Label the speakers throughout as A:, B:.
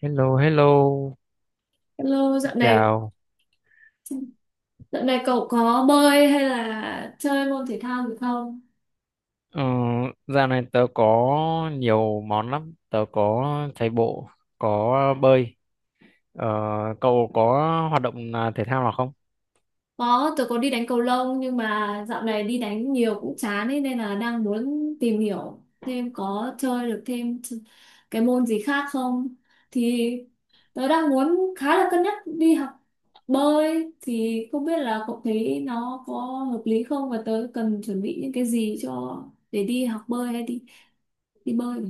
A: Hello, hello,
B: Hello, dạo
A: xin
B: này
A: chào.
B: dạo này cậu có bơi hay là chơi môn thể thao gì không?
A: Ờ, Dạo này tớ có nhiều món lắm. Tớ có chạy bộ, có bơi. Ờ, Cậu có hoạt động à, thể thao nào không?
B: Có, tớ có đi đánh cầu lông nhưng mà dạo này đi đánh nhiều cũng chán ấy, nên là đang muốn tìm hiểu thêm có chơi được thêm cái môn gì khác không? Thì tớ đang muốn khá là cân nhắc đi học bơi thì không biết là cậu thấy nó có hợp lý không và tớ cần chuẩn bị những cái gì cho để đi học bơi hay đi đi bơi.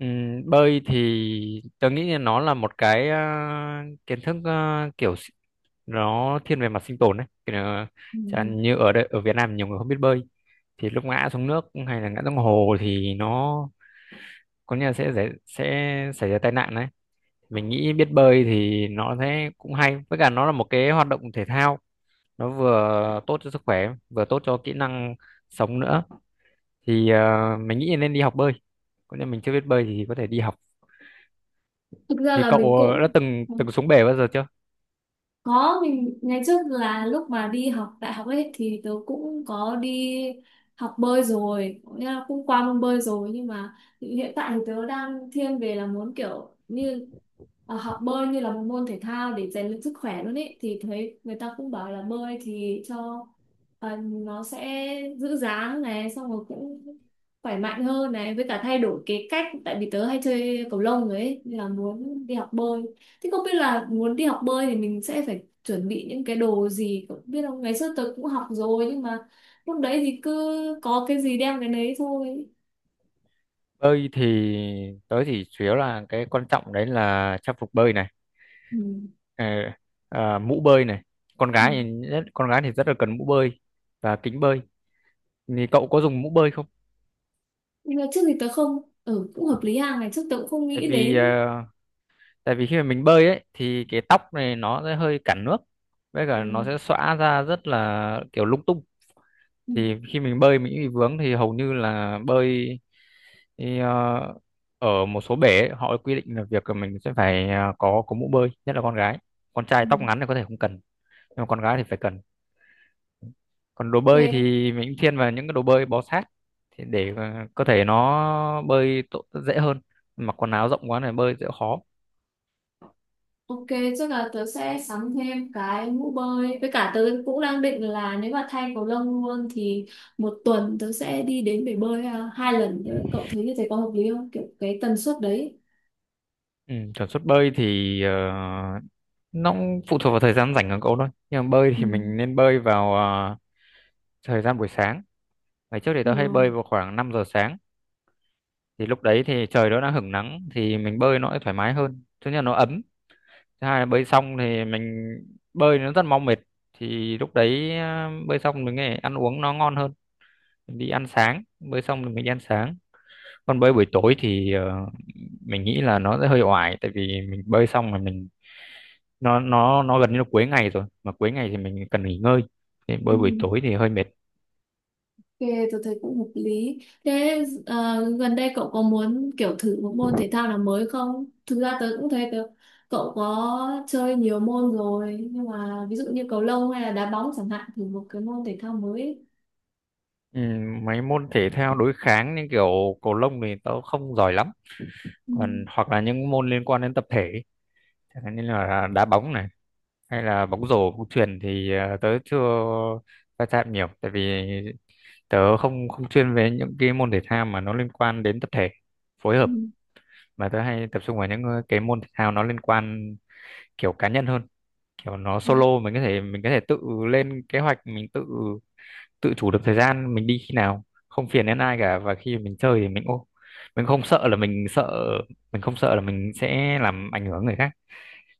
A: Bơi thì tớ nghĩ là nó là một cái à, kiến thức à, nó thiên về mặt sinh tồn đấy. Kiểu là,
B: Ừ.
A: chẳng như ở đây, ở Việt Nam nhiều người không biết bơi thì lúc ngã xuống nước hay là ngã xuống hồ thì nó có nghĩa là sẽ xảy ra tai nạn đấy. Mình nghĩ biết bơi thì nó thế cũng hay, với cả nó là một cái hoạt động thể thao, nó vừa tốt cho sức khỏe vừa tốt cho kỹ năng sống nữa. Thì mình nghĩ nên đi học bơi, còn nếu mình chưa biết bơi thì có thể đi học.
B: Thực ra
A: Thì
B: là mình
A: cậu đã
B: cũng
A: từng từng xuống bể bao giờ chưa?
B: có, mình ngày trước là lúc mà đi học đại học ấy thì tớ cũng có đi học bơi rồi, cũng nghĩa là cũng qua môn bơi rồi nhưng mà hiện tại thì tớ đang thiên về là muốn kiểu như học bơi như là một môn thể thao để rèn luyện sức khỏe luôn ấy thì thấy người ta cũng bảo là bơi thì cho nó sẽ giữ dáng này xong rồi cũng khỏe mạnh hơn này với cả thay đổi cái cách tại vì tớ hay chơi cầu lông rồi ấy nên là muốn đi học bơi. Thế không biết là muốn đi học bơi thì mình sẽ phải chuẩn bị những cái đồ gì không biết không ngày xưa tớ cũng học rồi nhưng mà lúc đấy thì cứ có cái gì đem cái đấy thôi.
A: Bơi thì tớ chỉ chủ yếu là cái quan trọng đấy là trang phục bơi này,
B: Ừ.
A: ờ, mũ bơi này. Con
B: Ừ.
A: gái thì nhất, con gái thì rất là cần mũ bơi và kính bơi. Thì cậu có dùng mũ bơi không?
B: Nhưng mà trước thì tớ không cũng hợp lý hàng ngày trước tớ cũng không
A: Tại
B: nghĩ
A: vì ờ,
B: đến.
A: tại vì khi mà mình bơi ấy thì cái tóc này nó sẽ hơi cản nước, với
B: Ừ.
A: cả nó sẽ xõa ra rất là kiểu lung tung.
B: Ừ.
A: Thì khi mình bơi mình bị vướng thì hầu như là bơi thì, ờ, ở một số bể ấy, họ quy định là việc là mình sẽ phải có mũ bơi, nhất là con gái. Con trai
B: Ừ.
A: tóc ngắn thì có thể không cần, nhưng mà con gái thì phải cần. Còn đồ bơi
B: Ok,
A: thì mình thiên vào những cái đồ bơi bó sát, thì để cơ thể nó bơi tốt, dễ hơn. Mặc quần áo rộng quá này bơi sẽ khó.
B: ok, chắc là tớ sẽ sắm thêm cái mũ bơi với cả tớ cũng đang định là nếu mà thay cầu lông luôn thì một tuần tớ sẽ đi đến bể bơi à, 2 lần, cậu thấy như thế có hợp lý không kiểu cái tần suất đấy.
A: Ừ, tần suất bơi thì nó cũng phụ thuộc vào thời gian rảnh của cậu thôi. Nhưng mà bơi
B: Ừ.
A: thì mình nên bơi vào thời gian buổi sáng. Ngày trước thì tớ hay
B: Ừ.
A: bơi vào khoảng 5 giờ sáng. Thì lúc đấy thì trời nó đã hửng nắng thì mình bơi nó sẽ thoải mái hơn. Thứ nhất là nó ấm. Thứ hai là bơi xong thì mình bơi nó rất mau mệt. Thì lúc đấy bơi xong mình nghe ăn uống nó ngon hơn. Mình đi ăn sáng, bơi xong thì mình đi ăn sáng. Còn bơi buổi tối thì mình nghĩ là nó sẽ hơi oải, tại vì mình bơi xong mà mình nó gần như là cuối ngày rồi, mà cuối ngày thì mình cần nghỉ ngơi, thì
B: Ừ,
A: bơi buổi tối thì hơi mệt.
B: ok, tôi thấy cũng hợp lý. Thế gần đây cậu có muốn kiểu thử một môn thể thao nào mới không? Thực ra tớ cũng thấy tớ, cậu có chơi nhiều môn rồi, nhưng mà ví dụ như cầu lông hay là đá bóng chẳng hạn, thử một cái môn thể thao mới.
A: Mấy môn thể thao đối kháng như kiểu cầu lông thì tớ không giỏi lắm,
B: Ừ,
A: còn hoặc là những môn liên quan đến tập thể ấy, chẳng hạn như là đá bóng này, hay là bóng rổ, bóng chuyền, thì tớ chưa va chạm nhiều, tại vì tớ không không chuyên về những cái môn thể thao mà nó liên quan đến tập thể, phối
B: ừ,
A: hợp. Mà tớ hay tập trung vào những cái môn thể thao nó liên quan kiểu cá nhân hơn, kiểu nó
B: ừ,
A: solo, mình có thể tự lên kế hoạch, mình tự tự chủ được thời gian mình đi khi nào, không phiền đến ai cả. Và khi mình chơi thì mình ô mình không sợ là mình sợ mình không sợ là mình sẽ làm ảnh hưởng người khác,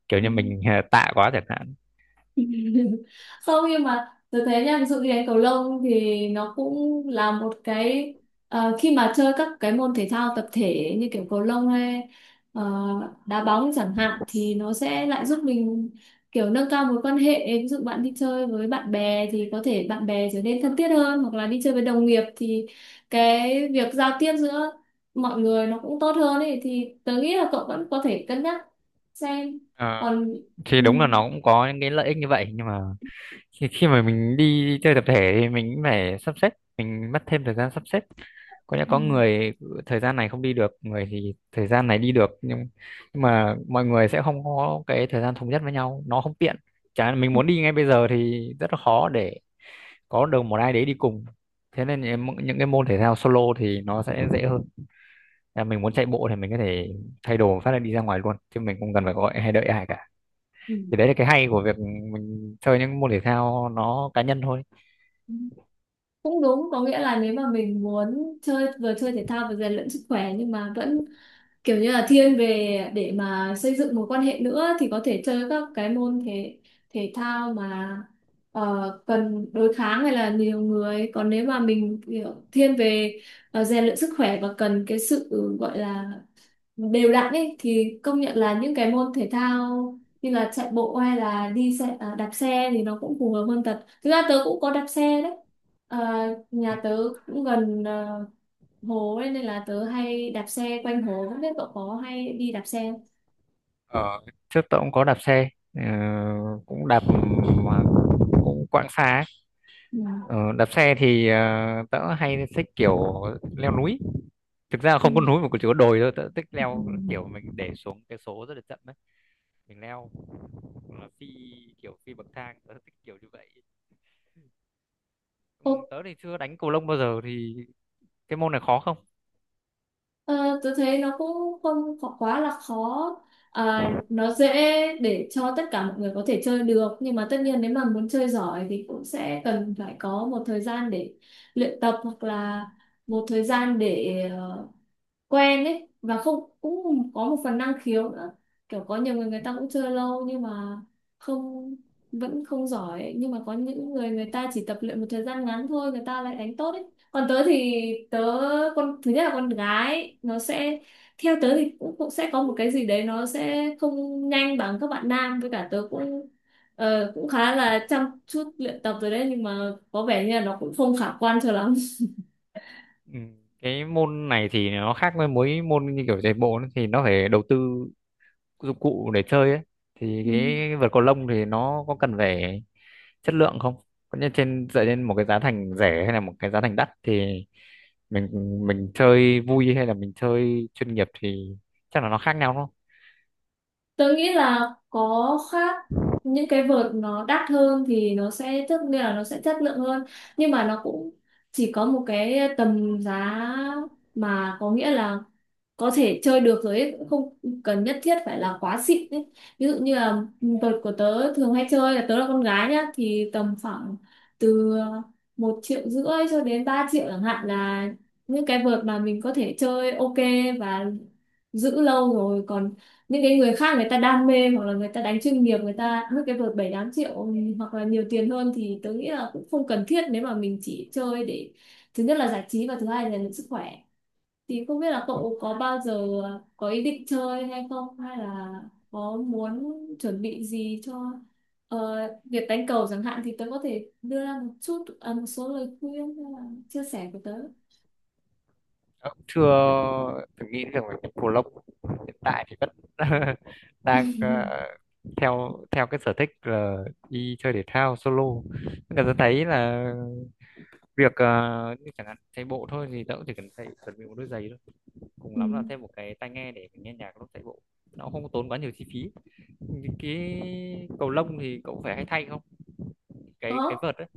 A: kiểu
B: ừ.
A: như mình tạ quá chẳng hạn.
B: Không nhưng mà tôi thấy nha ví dụ như đánh cầu lông thì nó cũng là một cái khi mà chơi các cái môn thể thao tập thể như kiểu cầu lông hay ờ, đá bóng chẳng hạn thì nó sẽ lại giúp mình kiểu nâng cao mối quan hệ ví dụ bạn đi chơi với bạn bè thì có thể bạn bè trở nên thân thiết hơn hoặc là đi chơi với đồng nghiệp thì cái việc giao tiếp giữa mọi người nó cũng tốt hơn ấy thì tớ nghĩ là cậu vẫn có thể cân nhắc xem
A: Ờ,
B: còn.
A: thì
B: Ừ.
A: đúng là nó cũng có những cái lợi ích như vậy, nhưng mà khi khi mà mình đi chơi tập thể thì mình cũng phải sắp xếp, mình mất thêm thời gian sắp xếp. Có lẽ
B: Ừ.
A: có người thời gian này không đi được, người thì thời gian này đi được, nhưng mà mọi người sẽ không có cái thời gian thống nhất với nhau, nó không tiện. Chả mình muốn đi ngay bây giờ thì rất là khó để có được một ai đấy đi cùng. Thế nên những cái môn thể thao solo thì nó sẽ dễ hơn, là mình muốn chạy bộ thì mình có thể thay đồ phát là đi ra ngoài luôn, chứ mình không cần phải gọi hay đợi ai cả.
B: Ừ.
A: Thì đấy là cái hay của việc mình chơi những môn thể thao nó cá nhân thôi.
B: Cũng đúng, có nghĩa là nếu mà mình muốn chơi vừa chơi thể thao vừa rèn luyện sức khỏe nhưng mà vẫn kiểu như là thiên về để mà xây dựng mối quan hệ nữa thì có thể chơi các cái môn thể thể thao mà cần đối kháng hay là nhiều người. Còn nếu mà mình kiểu thiên về rèn luyện sức khỏe và cần cái sự gọi là đều đặn ấy thì công nhận là những cái môn thể thao như là chạy bộ hay là đi xe à, đạp xe thì nó cũng phù hợp hơn thật, thực ra tớ cũng có đạp xe đấy, à, nhà tớ cũng gần à, hồ ấy, nên là tớ hay đạp xe quanh hồ không biết cậu có hay đi đạp xe không?
A: Trước tôi cũng có đạp xe, cũng đạp mà cũng quãng xa ấy. Ờ, Đạp xe thì tớ hay thích kiểu leo núi. Thực ra là
B: Ừ.
A: không có núi mà chỉ có đồi thôi, tớ thích
B: Ừ.
A: leo kiểu mình để xuống cái số rất là chậm đấy, mình leo, hoặc là phi, kiểu phi bậc thang, tớ thích kiểu như vậy. Ừ,
B: Ừ.
A: tớ thì chưa đánh cầu lông bao giờ, thì cái môn này khó không?
B: Ờ, tôi thấy nó cũng không khó, quá là khó, à, nó dễ để cho tất cả mọi người có thể chơi được nhưng mà tất nhiên nếu mà muốn chơi giỏi thì cũng sẽ cần phải có một thời gian để luyện tập hoặc là một thời gian để quen ấy và không cũng có một phần năng khiếu nữa kiểu có nhiều người người ta cũng chơi lâu nhưng mà không vẫn không giỏi ấy. Nhưng mà có những người người ta chỉ tập luyện một thời gian ngắn thôi người ta lại đánh tốt ấy còn tớ thì tớ con thứ nhất là con gái nó sẽ theo tớ thì cũng, cũng sẽ có một cái gì đấy nó sẽ không nhanh bằng các bạn nam với cả tớ cũng cũng khá là chăm chút luyện tập rồi đấy nhưng mà có vẻ như là nó cũng không khả quan cho lắm.
A: Ừ. Cái môn này thì nó khác với mỗi môn như kiểu chạy bộ ấy, thì nó phải đầu tư dụng cụ để chơi ấy. Thì
B: Ừ.
A: cái vợt cầu lông thì nó có cần phải chất lượng không? Có như trên dựa trên một cái giá thành rẻ hay là một cái giá thành đắt thì mình mình chơi vui hay là mình chơi chuyên nghiệp thì chắc là nó khác nhau đúng không?
B: Tớ nghĩ là có khác, những cái vợt nó đắt hơn thì nó sẽ tức nghĩa là nó sẽ chất lượng hơn nhưng mà nó cũng chỉ có một cái tầm giá mà có nghĩa là có thể chơi được rồi ấy, cũng không cần nhất thiết phải là quá xịn ấy. Ví dụ như là vợt của tớ thường hay chơi là tớ là con gái nhá thì tầm khoảng từ 1,5 triệu cho đến 3 triệu chẳng hạn là những cái vợt mà mình có thể chơi ok và giữ lâu rồi còn những cái người khác người ta đam mê hoặc là người ta đánh chuyên nghiệp người ta mất cái vợt 7-8 triệu, ừ, hoặc là nhiều tiền hơn thì tớ nghĩ là cũng không cần thiết nếu mà mình chỉ chơi để thứ nhất là giải trí và thứ hai là sức khỏe thì không biết là cậu có bao giờ có ý định chơi hay không hay là có muốn chuẩn bị gì cho ờ, việc đánh cầu chẳng hạn thì tớ có thể đưa ra một chút à, một số lời khuyên hay là chia sẻ của tớ.
A: Tớ cũng chưa từng nghĩ rằng là cái cầu lông hiện tại thì vẫn đang theo theo cái sở thích là đi chơi thể thao solo. Nhưng mà tôi thấy là việc như chẳng hạn chạy bộ thôi thì tớ cũng chỉ cần thay, chuẩn bị một đôi giày thôi, cùng
B: Ừ,
A: lắm là thêm một cái tai nghe để mình nghe nhạc lúc chạy bộ, nó không có tốn quá nhiều chi phí. Cái cầu lông thì cậu phải hay thay không, cái cái
B: có.
A: vợt ấy,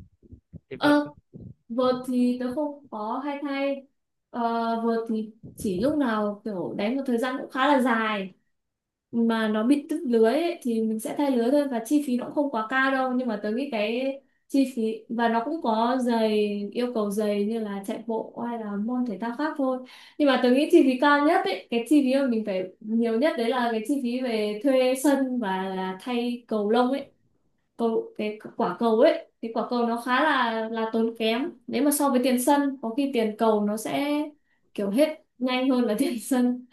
A: cái vợt cơ?
B: Ờ, vợt thì tớ không có hay thay. Ờ, vợt thì chỉ lúc nào kiểu đánh một thời gian cũng khá là dài mà nó bị đứt lưới ấy, thì mình sẽ thay lưới thôi và chi phí nó cũng không quá cao đâu nhưng mà tớ nghĩ cái chi phí và nó cũng có giày yêu cầu giày như là chạy bộ hay là môn thể thao khác thôi nhưng mà tớ nghĩ chi phí cao nhất ấy cái chi phí mà mình phải nhiều nhất đấy là cái chi phí về thuê sân và là thay cầu lông ấy cầu cái quả cầu ấy thì quả cầu nó khá là tốn kém nếu mà so với tiền sân có khi tiền cầu nó sẽ kiểu hết nhanh hơn là tiền sân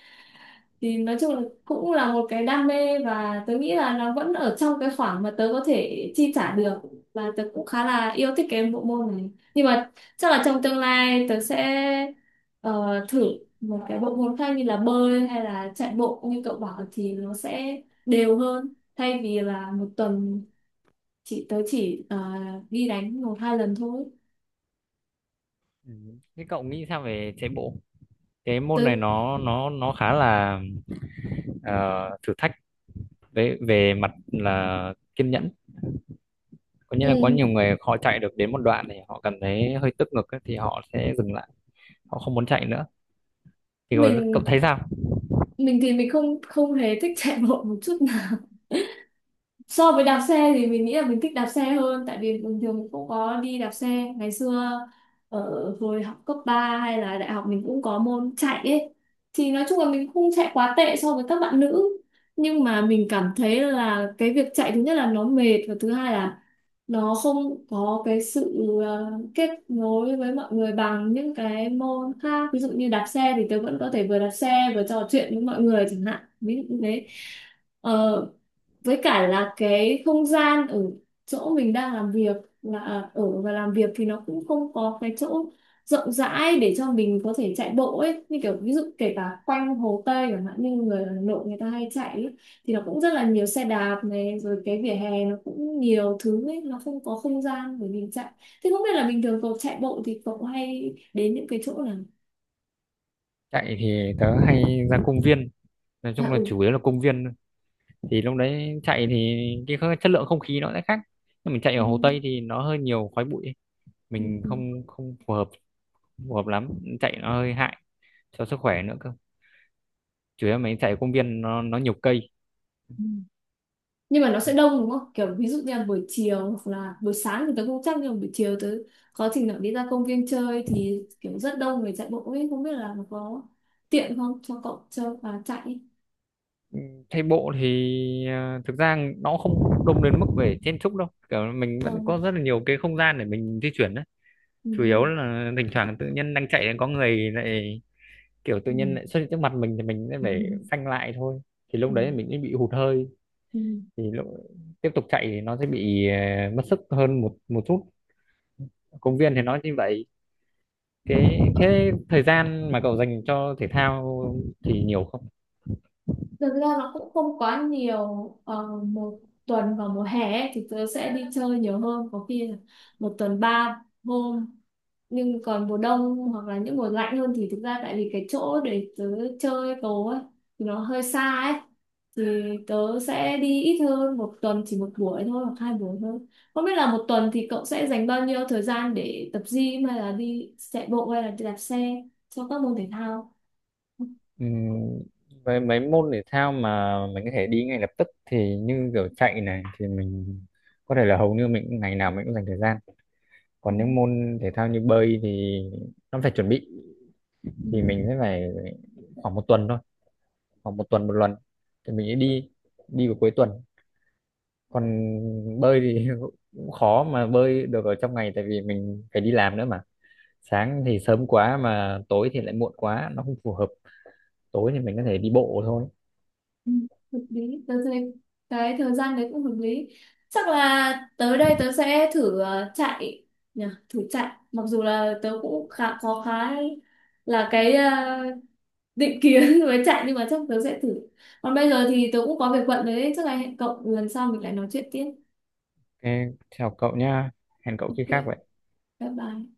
B: thì nói chung là cũng là một cái đam mê và tớ nghĩ là nó vẫn ở trong cái khoảng mà tớ có thể chi trả được và tớ cũng khá là yêu thích cái bộ môn này nhưng mà chắc là trong tương lai tớ sẽ ờ, thử một cái bộ môn khác như là bơi hay là chạy bộ như cậu bảo thì nó sẽ đều hơn thay vì là một tuần chị tớ chỉ đi đánh 1-2 lần thôi.
A: Ừ. Thế cậu nghĩ sao về chạy bộ? Cái môn
B: tớ
A: này nó khá là ờ, thử thách về về mặt là kiên nhẫn. Có nghĩa là có
B: ừ,
A: nhiều người họ chạy được đến một đoạn thì họ cảm thấy hơi tức ngực ấy, thì họ sẽ dừng lại, họ không muốn chạy nữa. Thì cậu
B: mình
A: thấy sao?
B: mình thì mình không không hề thích chạy bộ một chút nào so với đạp xe thì mình nghĩ là mình thích đạp xe hơn tại vì bình thường mình cũng có đi đạp xe ngày xưa ở hồi học cấp 3 hay là đại học mình cũng có môn chạy ấy thì nói chung là mình không chạy quá tệ so với các bạn nữ nhưng mà mình cảm thấy là cái việc chạy thứ nhất là nó mệt và thứ hai là nó không có cái sự kết nối với mọi người bằng những cái môn khác ví dụ như đạp xe thì tớ vẫn có thể vừa đạp xe vừa trò chuyện với mọi người chẳng hạn ví dụ như thế. Ờ, với cả là cái không gian ở chỗ mình đang làm việc là à, ở và làm việc thì nó cũng không có cái chỗ rộng rãi để cho mình có thể chạy bộ ấy như kiểu ví dụ kể cả quanh Hồ Tây chẳng hạn như người Hà Nội người ta hay chạy ấy, thì nó cũng rất là nhiều xe đạp này rồi cái vỉa hè nó cũng nhiều thứ ấy nó không có không gian để mình chạy thế không biết là bình thường cậu chạy bộ thì cậu hay đến những cái chỗ nào.
A: Chạy thì tớ hay ra công viên, nói
B: À
A: chung là
B: ừ.
A: chủ yếu là công viên thôi. Thì lúc đấy chạy thì chất lượng không khí nó sẽ khác, nhưng mình chạy
B: Ừ.
A: ở Hồ Tây thì nó hơi nhiều khói bụi,
B: Ừ.
A: mình không không phù hợp, phù hợp lắm, chạy nó hơi hại cho sức khỏe nữa cơ. Chủ yếu mình chạy công viên nó nhiều cây.
B: Ừ. Nhưng mà nó sẽ đông đúng không kiểu ví dụ như là buổi chiều hoặc là buổi sáng thì tớ không chắc nhưng mà buổi chiều tớ có trình nào đi ra công viên chơi thì kiểu rất đông người chạy bộ ấy không biết là nó có tiện không cho cậu chơi và chạy ấy.
A: Chạy bộ thì thực ra nó không đông đến mức về chen chúc đâu, kiểu mình vẫn
B: Ừ.
A: có rất là nhiều cái không gian để mình di chuyển đấy.
B: Ừ.
A: Chủ yếu là thỉnh thoảng tự nhiên đang chạy có người lại, kiểu tự
B: Ừ.
A: nhiên lại xuất hiện trước mặt mình thì mình sẽ
B: Ừ.
A: phải phanh lại thôi. Thì lúc
B: Ừ.
A: đấy mình sẽ bị hụt hơi,
B: Ừ.
A: thì lúc tiếp tục chạy thì nó sẽ bị mất sức hơn một một chút. Công viên thì nó như vậy. Cái thế thời gian mà cậu dành cho thể thao thì nhiều không?
B: Thực ra nó cũng không quá nhiều một tuần vào mùa hè ấy, thì tớ sẽ đi chơi nhiều hơn có khi là một tuần 3 hôm nhưng còn mùa đông hoặc là những mùa lạnh hơn thì thực ra tại vì cái chỗ để tớ chơi tố ấy thì nó hơi xa ấy thì tớ sẽ đi ít hơn một tuần chỉ một buổi thôi hoặc hai buổi thôi không biết là một tuần thì cậu sẽ dành bao nhiêu thời gian để tập gym hay là đi chạy bộ hay là đi đạp xe cho các môn thể thao.
A: Ừm, với mấy môn thể thao mà mình có thể đi ngay lập tức thì như kiểu chạy này thì mình có thể là hầu như ngày nào mình cũng dành thời gian.
B: Ừ.
A: Còn những môn thể thao như bơi thì nó phải chuẩn bị, thì
B: Ừ.
A: mình sẽ phải khoảng một tuần thôi, khoảng một tuần một lần thì mình sẽ đi, đi vào cuối tuần. Còn bơi thì cũng khó mà bơi được ở trong ngày, tại vì mình phải đi làm nữa mà, sáng thì sớm quá mà tối thì lại muộn quá, nó không phù hợp. Tối thì mình có thể đi bộ thôi.
B: Ừ, hợp lý tớ thấy cái thời gian đấy cũng hợp lý chắc là tới đây tớ sẽ thử chạy nhỉ thử chạy mặc dù là tớ cũng khá là cái định kiến với chạy nhưng mà chắc tớ sẽ thử còn bây giờ thì tớ cũng có việc bận đấy chắc là hẹn cậu lần sau mình lại nói chuyện tiếp.
A: Ok, chào cậu nha. Hẹn cậu khi
B: Ok,
A: khác vậy.
B: bye bye.